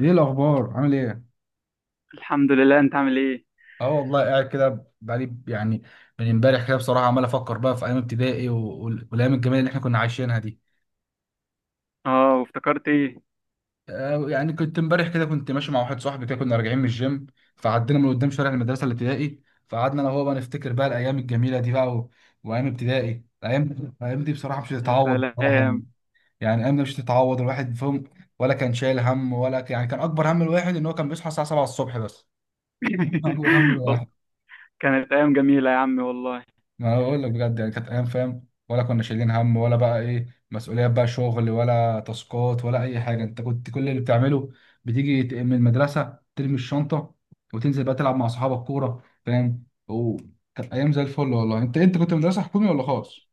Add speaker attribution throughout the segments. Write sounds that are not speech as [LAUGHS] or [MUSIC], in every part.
Speaker 1: ايه الاخبار، عامل ايه؟
Speaker 2: الحمد لله، انت عامل ايه؟
Speaker 1: اه والله قاعد كده بقالي يعني. من امبارح كده بصراحه عمال افكر بقى في ايام ابتدائي والايام الجميله اللي احنا كنا عايشينها دي.
Speaker 2: اه، وافتكرت ايه؟
Speaker 1: يعني كنت امبارح كده كنت ماشي مع واحد صاحبي كده كنا راجعين من الجيم. فعدينا من قدام شارع المدرسه الابتدائي. فقعدنا انا وهو بقى نفتكر بقى الايام الجميله دي بقى. وايام ابتدائي، الايام دي بصراحه مش
Speaker 2: يا
Speaker 1: هتتعوض بصراحه
Speaker 2: سلام.
Speaker 1: يعني. يعني الايام دي مش هتتعوض الواحد فيهم. ولا كان شايل هم، ولا يعني كان اكبر هم الواحد ان هو كان بيصحى الساعه 7 الصبح بس. [LAUGHS] اكبر
Speaker 2: [LAUGHS] وال-
Speaker 1: هم.
Speaker 2: كانت ايام جميله يا عمي والله.
Speaker 1: ما انا بقول لك بجد يعني كانت ايام، فاهم؟ ولا كنا شايلين هم ولا بقى ايه مسؤوليات بقى، شغل ولا تاسكات ولا اي حاجه. انت كنت كل اللي بتعمله بتيجي من المدرسه ترمي الشنطه، وتنزل بقى تلعب مع اصحابك كوره، فاهم؟ وكانت ايام زي الفل والله. انت كنت مدرسه حكومي ولا خاص؟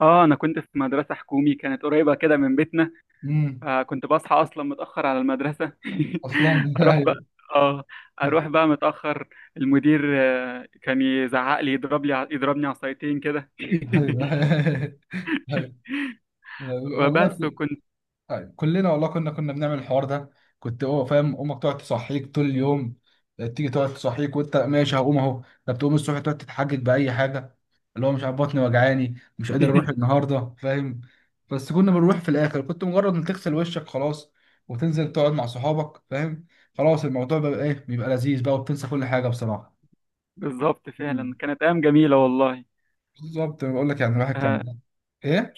Speaker 2: اه، انا كنت في مدرسه حكومي كانت قريبه كده من بيتنا.
Speaker 1: امم.
Speaker 2: فكنت بصحى اصلا متاخر على المدرسه.
Speaker 1: اصلا.
Speaker 2: [LAUGHS]
Speaker 1: [LAUGHS]
Speaker 2: اروح بقى.
Speaker 1: ايوه.
Speaker 2: اه، اروح بقى متاخر. المدير كان يزعق لي، يضربني عصايتين كده.
Speaker 1: ايوه. [LAUGHS]
Speaker 2: [LAUGHS]
Speaker 1: أيوة،
Speaker 2: وبس
Speaker 1: والله.
Speaker 2: وكنت.
Speaker 1: طيب، كلنا والله كنا بنعمل الحوار ده. كنت، هو فاهم، امك تقعد تصحيك طول اليوم، تيجي تقعد تصحيك وانت ماشي هقوم اهو. طب تقوم الصبح تقعد تتحجج باي حاجه، اللي هو مش عارف بطني وجعاني مش قادر اروح
Speaker 2: [LAUGHS]
Speaker 1: النهارده، فاهم؟ بس كنا بنروح في الاخر. كنت مجرد ان تغسل وشك خلاص، وتنزل تقعد مع صحابك، فاهم؟ خلاص، الموضوع بقى ايه، بيبقى لذيذ بقى وبتنسى كل حاجه بصراحه.
Speaker 2: بالظبط، فعلا
Speaker 1: مم.
Speaker 2: كانت ايام جميله والله.
Speaker 1: بالظبط، بقول لك يعني الواحد كان
Speaker 2: آه،
Speaker 1: ايه.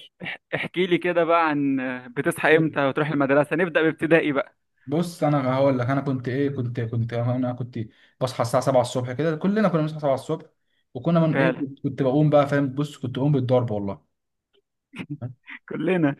Speaker 2: احكي لي كده بقى عن بتصحى امتى وتروح المدرسة، نبدأ بابتدائي بقى.
Speaker 1: بص، انا هقول لك انا كنت ايه، كنت انا كنت بصحى الساعه 7 الصبح، كده كلنا كنا بنصحى 7 الصبح. وكنا من ايه،
Speaker 2: فعلا،
Speaker 1: كنت بقوم بقى، فاهم؟ بص، كنت بقوم بالضرب والله.
Speaker 2: كلنا.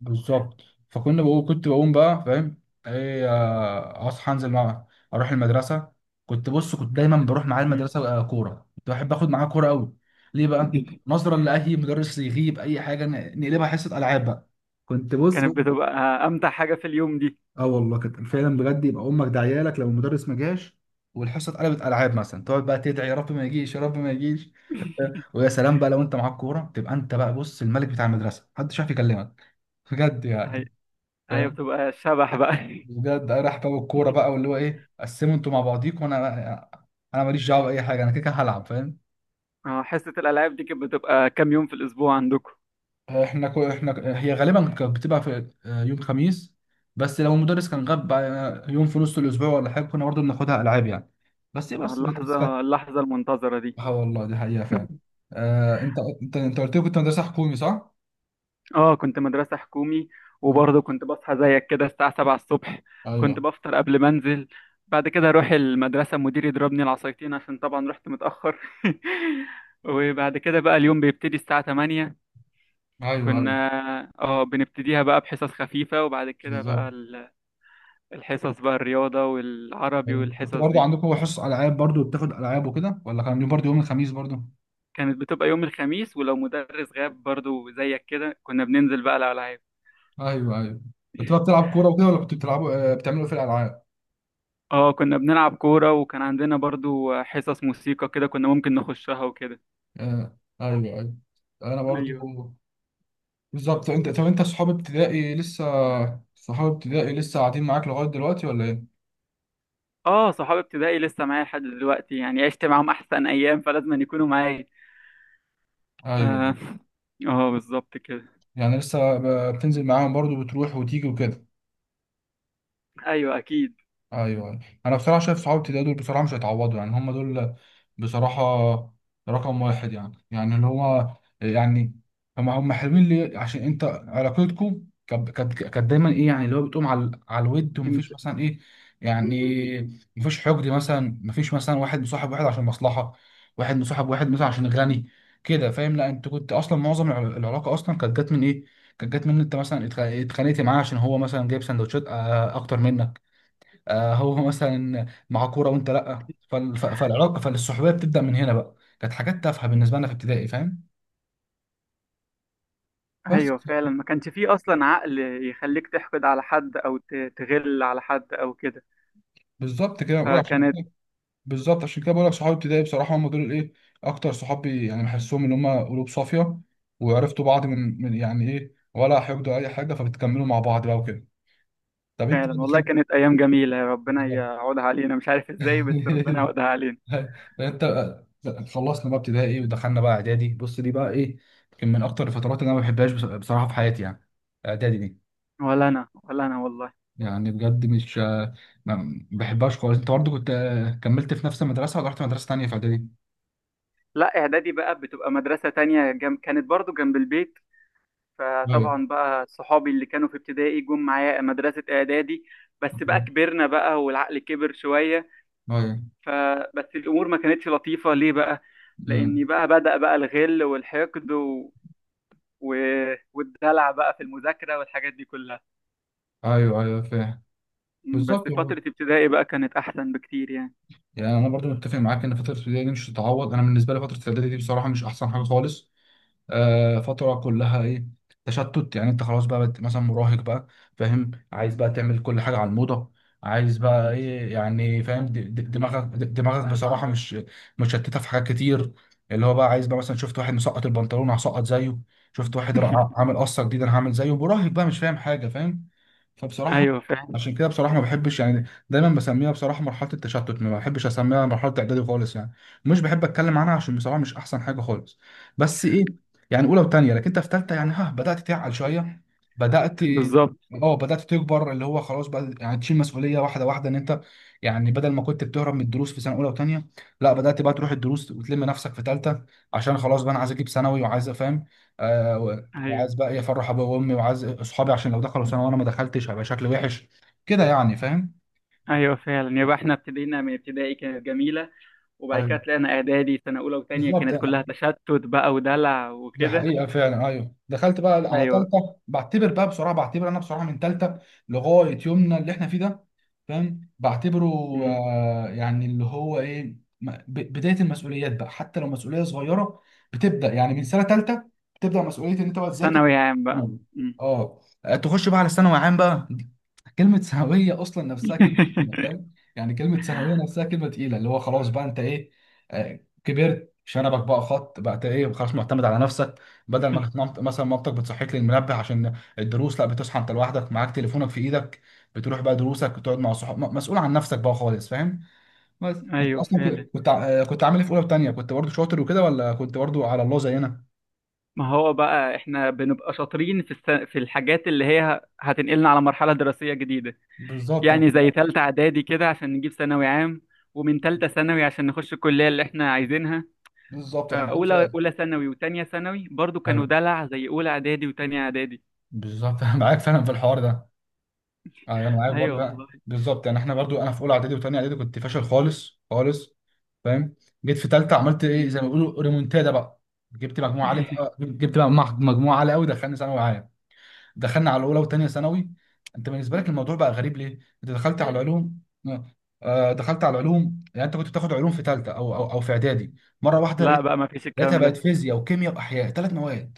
Speaker 1: بالظبط. فكنا بقوم، كنت بقوم بقى، فاهم؟ ايه، اصحى انزل معاه، اروح المدرسه. كنت بص، كنت دايما بروح معاه
Speaker 2: مم.
Speaker 1: المدرسه. كوره، كنت بحب اخد معاه كوره قوي. ليه بقى؟
Speaker 2: [LAUGHS]
Speaker 1: نظرا لاي مدرس يغيب اي حاجه، نقلبها حصه العاب بقى. كنت بص.
Speaker 2: كانت بتبقى امتع حاجة في اليوم دي.
Speaker 1: اه والله كانت فعلا بجد، يبقى امك داعيه لك لو المدرس ما جاش والحصه اتقلبت العاب. مثلا تقعد بقى تدعي: يا رب ما يجيش، يا رب ما يجيش.
Speaker 2: [LAUGHS]
Speaker 1: ويا سلام بقى لو انت معاك كوره، تبقى انت بقى بص الملك بتاع المدرسه، محدش عارف يكلمك، بجد
Speaker 2: هي
Speaker 1: يعني.
Speaker 2: هي
Speaker 1: فاهم؟
Speaker 2: بتبقى شبح بقى.
Speaker 1: بجد راح بقى بالكوره بقى واللي هو ايه، قسموا انتوا مع بعضيكم وانا، انا ماليش دعوه باي حاجه، انا كده كده هلعب، فاهم؟
Speaker 2: حصة الألعاب دي كانت بتبقى كام يوم في الأسبوع عندكم؟
Speaker 1: احنا هي غالبا كانت بتبقى في يوم خميس. بس لو المدرس كان غاب بقى، يوم في نص الاسبوع ولا حاجه، كنا برضه بناخدها العاب يعني. بس بس بس.
Speaker 2: اللحظة المنتظرة دي.
Speaker 1: اه والله دي حقيقة فعلا.
Speaker 2: [LAUGHS]
Speaker 1: انت، انت قلت لي كنت مدرسة حكومي، صح؟
Speaker 2: اه، كنت مدرسة حكومي.
Speaker 1: مم.
Speaker 2: وبرضه كنت بصحى زيك كده الساعة 7 الصبح. كنت
Speaker 1: ايوه،
Speaker 2: بفطر قبل ما انزل. بعد كده اروح المدرسة، المدير يضربني العصايتين عشان طبعا رحت متأخر. [LAUGHS] وبعد كده بقى اليوم بيبتدي الساعة 8.
Speaker 1: ايوه، ايوه.
Speaker 2: كنا اه بنبتديها بقى بحصص خفيفة، وبعد كده بقى
Speaker 1: بالظبط.
Speaker 2: الحصص بقى الرياضة والعربي
Speaker 1: ايوه، كنت
Speaker 2: والحصص
Speaker 1: برضو
Speaker 2: دي.
Speaker 1: عندكم حصص العاب؟ برضو بتاخد العاب وكده، ولا كان يوم برضو يوم الخميس برضو؟
Speaker 2: كانت بتبقى يوم الخميس، ولو مدرس غاب برضه زيك كده كنا بننزل بقى الألعاب.
Speaker 1: ايوه، ايوه. كنت بقى بتلعب كورة وكده، ولا كنت بتلعبوا بتعملوا إيه في الالعاب؟
Speaker 2: اه، كنا بنلعب كورة وكان عندنا برضو حصص موسيقى كده كنا ممكن نخشها وكده.
Speaker 1: آه، ايوه، ايوه. انا برضو.
Speaker 2: ايوه.
Speaker 1: بالظبط. انت طب، انت صحاب ابتدائي لسه، صحاب ابتدائي لسه قاعدين معاك لغاية دلوقتي ولا ايه؟
Speaker 2: اه، صحابي ابتدائي لسه معايا لحد دلوقتي، يعني عشت معاهم احسن ايام، فلازم أن يكونوا معايا.
Speaker 1: ايوه،
Speaker 2: اه. [LAUGHS] اه، بالظبط كده.
Speaker 1: يعني لسه بتنزل معاهم برضو، بتروح وتيجي وكده.
Speaker 2: ايوه، اكيد.
Speaker 1: ايوه، أيوة. انا بصراحه شايف صحاب ابتدائي دول بصراحه مش هيتعوضوا يعني، هم دول بصراحه رقم واحد يعني، يعني اللي هو يعني، هم حلوين ليه؟ عشان انت علاقتكم كانت دايما ايه يعني، اللي هو بتقوم على الود
Speaker 2: انت.
Speaker 1: ومفيش مثلا ايه، يعني مفيش حقد مثلا، مفيش مثلا واحد مصاحب واحد عشان مصلحه، واحد مصاحب واحد مثلا عشان غني، كده، فاهم؟ لا، انت كنت اصلا معظم العلاقه اصلا كانت جت من ايه، كانت جت من إن انت مثلا اتخانقت معاه عشان هو مثلا جايب سندوتشات اكتر منك. هو مثلا مع كوره وانت لا، فالعلاقه فالصحوبيه بتبدا من هنا بقى، كانت حاجات تافهه بالنسبه لنا في ابتدائي، فاهم؟ بس.
Speaker 2: ايوه، فعلا ما كانش فيه اصلا عقل يخليك تحقد على حد او تغل على حد او كده.
Speaker 1: بالظبط كده بقول لك عشان،
Speaker 2: فكانت.
Speaker 1: بالظبط عشان كده بقول لك صحابي ابتدائي بصراحه هم دول الايه، اكتر صحابي يعني، بحسهم ان هم قلوب صافيه، وعرفتوا بعض من يعني ايه، ولا حقدوا اي حاجه، فبتكملوا مع بعض بقى وكده. طب انت بقى
Speaker 2: فعلا والله
Speaker 1: دخلت.
Speaker 2: كانت ايام جميلة، ربنا
Speaker 1: بالظبط.
Speaker 2: يعودها علينا، مش عارف ازاي بس ربنا
Speaker 1: [LAUGHS]
Speaker 2: يعودها علينا.
Speaker 1: لا، انت. لا، خلصنا بقى ابتدائي ايه، ودخلنا بقى اعدادي. بص، دي بقى ايه، يمكن من اكتر الفترات اللي انا ما بحبهاش بصراحه في حياتي يعني، اعدادي دي،
Speaker 2: ولا انا، ولا انا والله.
Speaker 1: يعني بجد مش ما بحبهاش خالص. انت برضه كنت كملت في نفس المدرسه ولا رحت مدرسه تانيه في اعدادي؟
Speaker 2: لا، اعدادي بقى بتبقى مدرسة تانية. كانت برضو جنب البيت.
Speaker 1: ايوه،
Speaker 2: فطبعا بقى صحابي اللي كانوا في ابتدائي جم معايا مدرسة اعدادي. بس بقى كبرنا بقى والعقل كبر شوية.
Speaker 1: ايوه.
Speaker 2: فبس الامور ما كانتش لطيفة ليه بقى. لاني
Speaker 1: امم.
Speaker 2: بقى بدأ بقى الغل والحقد و... والدلع بقى في المذاكرة والحاجات دي كلها.
Speaker 1: ايوه، ايوه، فاهم.
Speaker 2: بس
Speaker 1: بالظبط.
Speaker 2: فترة ابتدائي بقى كانت احسن بكتير يعني.
Speaker 1: يعني انا برضو متفق معاك ان فتره الابتدائي دي مش تتعوض. انا بالنسبه لي فتره الاعدادي دي بصراحه مش احسن حاجه خالص. فترة كلها ايه، تشتت يعني. انت خلاص بقى مثلا مراهق بقى، فاهم؟ عايز بقى تعمل كل حاجة على الموضة، عايز بقى ايه يعني، فاهم؟ دماغك بصراحة مش مشتتة في حاجات كتير، اللي هو بقى عايز بقى مثلا شفت واحد مسقط البنطلون هسقط زيه، شفت واحد رائع
Speaker 2: [LAUGHS]
Speaker 1: عامل قصة جديدة انا هعمل زيه، مراهق بقى مش فاهم حاجة، فاهم؟ فبصراحة
Speaker 2: ايوه، فعلا.
Speaker 1: عشان كده بصراحة ما بحبش، يعني دايما بسميها بصراحة مرحلة التشتت، ما بحبش اسميها مرحلة اعدادي خالص يعني. مش بحب اتكلم عنها عشان بصراحة مش احسن حاجة خالص. بس ايه، يعني اولى وثانيه، لكن انت في ثالثه يعني، ها بدات تعقل شويه، بدات.
Speaker 2: بالظبط.
Speaker 1: اه بدات تكبر، اللي هو خلاص بقى يعني تشيل مسؤوليه واحده واحده، ان انت يعني بدل ما كنت بتهرب من الدروس في سنه اولى وثانيه، لا، بدات بقى تروح الدروس وتلم نفسك في ثالثه، عشان خلاص بقى انا عايز اجيب ثانوي وعايز افهم، آه و-
Speaker 2: ايوه،
Speaker 1: وعايز بقى إيه افرح ابويا وامي، وعايز اصحابي عشان لو دخلوا ثانوي وانا ما دخلتش هيبقى شكلي وحش كده يعني، فاهم؟
Speaker 2: ايوه، فعلا يبقى احنا ابتدينا من ابتدائي كانت جميلة. وبعد كده
Speaker 1: أيوة.
Speaker 2: طلعنا اعدادي، سنه اولى وثانيه
Speaker 1: بالظبط
Speaker 2: كانت كلها
Speaker 1: يعني.
Speaker 2: تشتت بقى ودلع
Speaker 1: دي
Speaker 2: وكده.
Speaker 1: حقيقة فعلا. أيوه دخلت بقى على
Speaker 2: ايوه.
Speaker 1: تالتة، بعتبر بقى بصراحة، بعتبر أنا بصراحة من تالتة لغاية يومنا اللي إحنا فيه ده، فاهم، بعتبره
Speaker 2: أمم.
Speaker 1: آه يعني اللي هو إيه، بداية المسؤوليات بقى، حتى لو مسؤولية صغيرة بتبدأ يعني من سنة تالتة. بتبدأ مسؤولية إن أنت بقى تذاكر
Speaker 2: ثانوي عام بقى.
Speaker 1: ثانوي.
Speaker 2: أمم.
Speaker 1: أه، تخش بقى على ثانوي عام بقى. كلمة سهوية أصلا نفسها كلمة تقيلة،
Speaker 2: [LAUGHS]
Speaker 1: فاهم؟ يعني كلمة سهوية نفسها كلمة تقيلة، اللي هو خلاص بقى أنت إيه، كبرت شنبك بقى خط بقى، أنت إيه خلاص معتمد على نفسك. بدل ما كانت مثلا مامتك بتصحيك للمنبه عشان الدروس، لا، بتصحى أنت لوحدك، معاك تليفونك في إيدك، بتروح بقى دروسك، بتقعد مع صحابك، مسؤول عن نفسك بقى خالص، فاهم؟ بس أنت
Speaker 2: ايوه،
Speaker 1: أصلا
Speaker 2: فعلا
Speaker 1: كنت كنت عامل إيه في أولى وتانية؟ كنت برضه شاطر وكده ولا كنت برضه على الله زينا؟
Speaker 2: ما هو بقى احنا بنبقى شاطرين في الحاجات اللي هي هتنقلنا على مرحله دراسيه جديده.
Speaker 1: بالظبط أنا
Speaker 2: يعني زي ثالثه اعدادي كده عشان نجيب ثانوي عام، ومن ثالثه ثانوي عشان نخش الكليه اللي احنا عايزينها.
Speaker 1: بالظبط أنا معاك
Speaker 2: فاولى
Speaker 1: فعلا،
Speaker 2: اولى ثانوي وثانيه ثانوي برضو كانوا
Speaker 1: أيوه.
Speaker 2: دلع زي اولى اعدادي وثانيه اعدادي.
Speaker 1: بالظبط. [LAUGHS] أنا معاك فعلا في الحوار ده. انا معاك
Speaker 2: ايوه
Speaker 1: برضو.
Speaker 2: والله.
Speaker 1: بالظبط يعني احنا برضو، انا في اولى اعدادي وثانيه اعدادي كنت فاشل خالص خالص، فاهم. جيت في ثالثه، عملت ايه
Speaker 2: أمم.
Speaker 1: زي ما بيقولوا ريمونتادا بقى. جبت مجموعه عاليه،
Speaker 2: [LAUGHS]
Speaker 1: جبت بقى مجموعه عاليه قوي دخلني ثانوي عام. دخلنا على اولى وثانيه ثانوي. انت بالنسبه لك الموضوع بقى غريب ليه، انت دخلت على العلوم. آه، دخلت على العلوم يعني، انت كنت بتاخد علوم في ثالثه او في اعدادي؟ مره واحده
Speaker 2: لا
Speaker 1: لقيت،
Speaker 2: بقى، ما فيش
Speaker 1: لقيتها
Speaker 2: الكلام
Speaker 1: بقت
Speaker 2: ده.
Speaker 1: فيزياء وكيمياء واحياء، ثلاث مواد.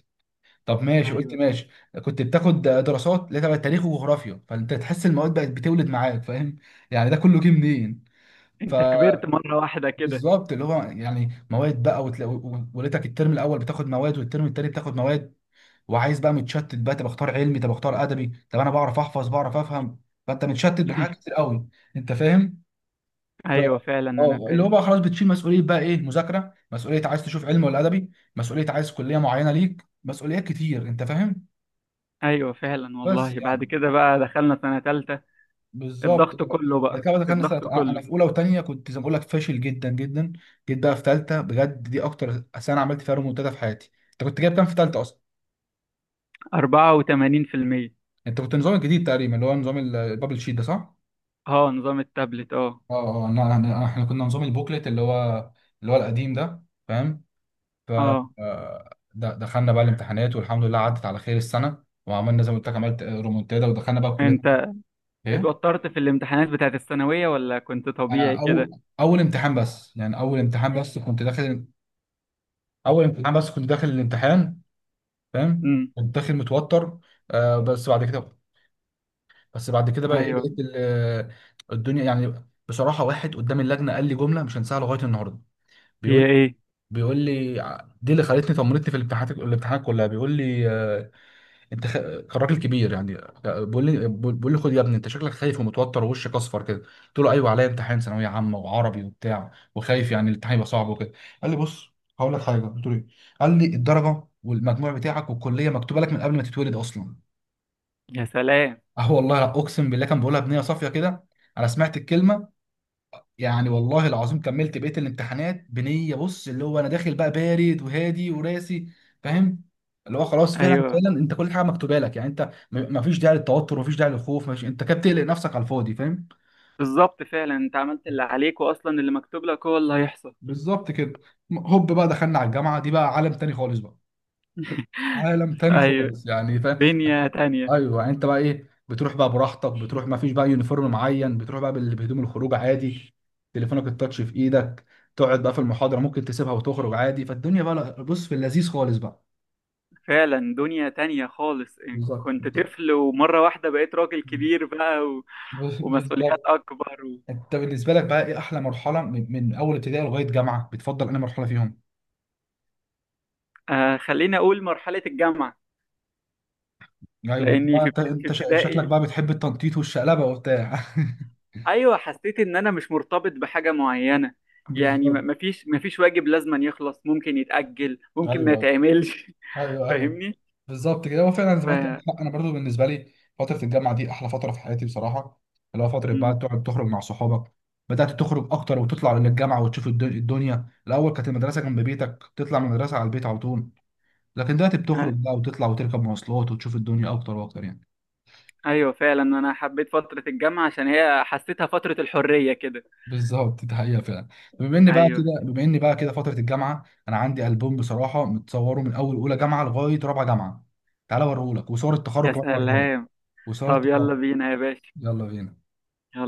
Speaker 1: طب ماشي، قلت
Speaker 2: ايوه،
Speaker 1: ماشي. كنت بتاخد دراسات اللي هي تبع التاريخ وجغرافيا، فانت تحس المواد بقت بتولد معاك، فاهم؟ يعني ده كله جه منين؟ ف
Speaker 2: انت كبرت مرة واحدة كده.
Speaker 1: بالظبط، اللي هو يعني مواد بقى وتلاقي، وليتك الترم الاول بتاخد مواد والترم التاني بتاخد مواد، وعايز بقى متشتت بقى، طب اختار علمي، طب اختار ادبي، طب انا بعرف احفظ بعرف افهم. فانت متشتت بحاجات
Speaker 2: [LAUGHS]
Speaker 1: كتير قوي، انت فاهم؟ ف-
Speaker 2: ايوه فعلا، انا
Speaker 1: اه، اللي هو
Speaker 2: فاهم.
Speaker 1: بقى خلاص بتشيل مسؤوليه بقى ايه، مذاكره، مسؤوليه عايز تشوف علم ولا ادبي، مسؤوليه عايز كليه معينه ليك، مسؤوليات كتير، انت فاهم؟
Speaker 2: ايوه فعلا
Speaker 1: بس
Speaker 2: والله، بعد
Speaker 1: يعني،
Speaker 2: كده بقى دخلنا سنة تالتة،
Speaker 1: بالظبط.
Speaker 2: الضغط كله
Speaker 1: بعد
Speaker 2: بقى،
Speaker 1: كده دخلنا سنه.
Speaker 2: الضغط
Speaker 1: انا
Speaker 2: كله.
Speaker 1: في اولى وثانيه كنت زي ما بقول لك فاشل جدا جدا. جيت بقى في ثالثه، بجد دي اكتر سنه عملت فيها ريمونتادا في حياتي. انت كنت جايب كام في ثالثه اصلا؟
Speaker 2: 84%.
Speaker 1: انت كنت نظام الجديد تقريبا، اللي هو نظام البابل شيت ده، صح؟
Speaker 2: اه، نظام التابلت، اه.
Speaker 1: اه. اه، احنا كنا نظام البوكلت، اللي هو اللي هو القديم ده، فاهم؟ ف
Speaker 2: اه،
Speaker 1: دخلنا بقى الامتحانات والحمد لله عدت على خير السنه، وعملنا زي ما قلت لك عملت ريمونتادا، ودخلنا بقى الكليه.
Speaker 2: انت
Speaker 1: ايه.
Speaker 2: اتوترت في الامتحانات بتاعت الثانوية ولا كنت طبيعي
Speaker 1: آه، او
Speaker 2: كده؟
Speaker 1: اول امتحان بس يعني، اول امتحان بس كنت داخل، اول امتحان بس كنت داخل الامتحان، فاهم؟
Speaker 2: امم،
Speaker 1: كنت داخل متوتر. بس بعد كده، بس بعد كده بقى ايه
Speaker 2: ايوه.
Speaker 1: لقيت الدنيا يعني. بصراحه، واحد قدام اللجنه قال لي جمله مش هنساها لغايه النهارده. بيقول،
Speaker 2: هي ايه؟
Speaker 1: بيقول لي دي اللي خلتني طمنتني في الامتحانات، الامتحانات كلها، بيقول لي انت خ... الراجل كبير يعني، بيقول لي: خد يا ابني، انت شكلك خايف ومتوتر ووشك اصفر كده. قلت له: ايوه، عليا امتحان ثانويه عامه وعربي وبتاع، وخايف يعني الامتحان يبقى صعب وكده. قال لي: بص، هقول لك حاجه. قلت له: ايه؟ قال لي: الدرجه والمجموع بتاعك والكليه مكتوبه لك من قبل ما تتولد اصلا.
Speaker 2: يا سلام.
Speaker 1: اه والله اقسم بالله، كان بيقولها بنيه صافيه كده. انا سمعت الكلمه يعني، والله العظيم كملت بقية الامتحانات بنية، بص، اللي هو انا داخل بقى بارد وهادي وراسي، فاهم؟ اللي هو خلاص، فعلا
Speaker 2: ايوه،
Speaker 1: فعلا، انت كل حاجة مكتوبة لك يعني، انت مفيش داعي للتوتر، مفيش داعي للخوف، مفيش. انت كده بتقلق نفسك على الفاضي، فاهم؟
Speaker 2: بالظبط فعلا، انت عملت اللي عليك واصلا اللي مكتوب لك هو اللي هيحصل.
Speaker 1: بالظبط كده. هوب بقى دخلنا على الجامعة، دي بقى عالم تاني خالص بقى، عالم تاني
Speaker 2: ايوه،
Speaker 1: خالص يعني، فاهم؟
Speaker 2: دنيا تانية.
Speaker 1: ايوه، يعني انت بقى ايه، بتروح بقى براحتك، بتروح ما فيش بقى يونيفورم معين، بتروح بقى بهدوم الخروج عادي، تليفونك التاتش في ايدك، تقعد بقى في المحاضره ممكن تسيبها وتخرج عادي، فالدنيا بقى بص في اللذيذ خالص بقى.
Speaker 2: فعلا دنيا تانية خالص.
Speaker 1: بالظبط.
Speaker 2: كنت طفل ومرة واحدة بقيت راجل كبير بقى ومسؤوليات
Speaker 1: بالظبط،
Speaker 2: أكبر
Speaker 1: انت بالنسبه لك بقى ايه احلى مرحله من اول ابتدائي لغايه جامعه، بتفضل انهي مرحله فيهم؟
Speaker 2: آه، خليني أقول مرحلة الجامعة.
Speaker 1: ايوه، انت
Speaker 2: لأني
Speaker 1: بقى
Speaker 2: في
Speaker 1: شكلك
Speaker 2: ابتدائي،
Speaker 1: بقى بتحب التنطيط والشقلبه وبتاع. [LAUGHS]
Speaker 2: أيوة حسيت إن أنا مش مرتبط بحاجة معينة. يعني ما-
Speaker 1: بالظبط.
Speaker 2: مفيش مفيش واجب لازم أن يخلص، ممكن يتأجل ممكن ما
Speaker 1: ايوه،
Speaker 2: يتعملش. [LAUGHS]
Speaker 1: ايوه، ايوه.
Speaker 2: فاهمني؟
Speaker 1: بالظبط كده، هو فعلا زي
Speaker 2: ف
Speaker 1: ما انت عندك حق، انا برضو بالنسبه لي فتره الجامعه دي احلى فتره في حياتي بصراحه. اللي هو فتره بقى
Speaker 2: م.
Speaker 1: تقعد تخرج مع صحابك، بدات تخرج اكتر وتطلع للجامعه وتشوف الدنيا. الاول كانت المدرسه جنب بيتك، تطلع من المدرسه على البيت على طول، لكن دلوقتي
Speaker 2: آه،
Speaker 1: بتخرج بقى وتطلع وتركب مواصلات وتشوف الدنيا اكتر واكتر يعني.
Speaker 2: أيوة فعلا، أنا حبيت فترة الجامعة عشان هي حسيتها فترة الحرية كده.
Speaker 1: بالظبط، دي حقيقه فعلا. بما ان بقى
Speaker 2: أيوة.
Speaker 1: كده بما ان بقى كده فتره الجامعه، انا عندي البوم بصراحه متصوره من اول اولى جامعه لغايه رابعه جامعه. تعالى اوريهولك، وصور
Speaker 2: يا
Speaker 1: التخرج كمان اوريها لك،
Speaker 2: سلام.
Speaker 1: وصور
Speaker 2: طب
Speaker 1: التخرج.
Speaker 2: يلا بينا يا باشا.
Speaker 1: يلا بينا.
Speaker 2: يلا.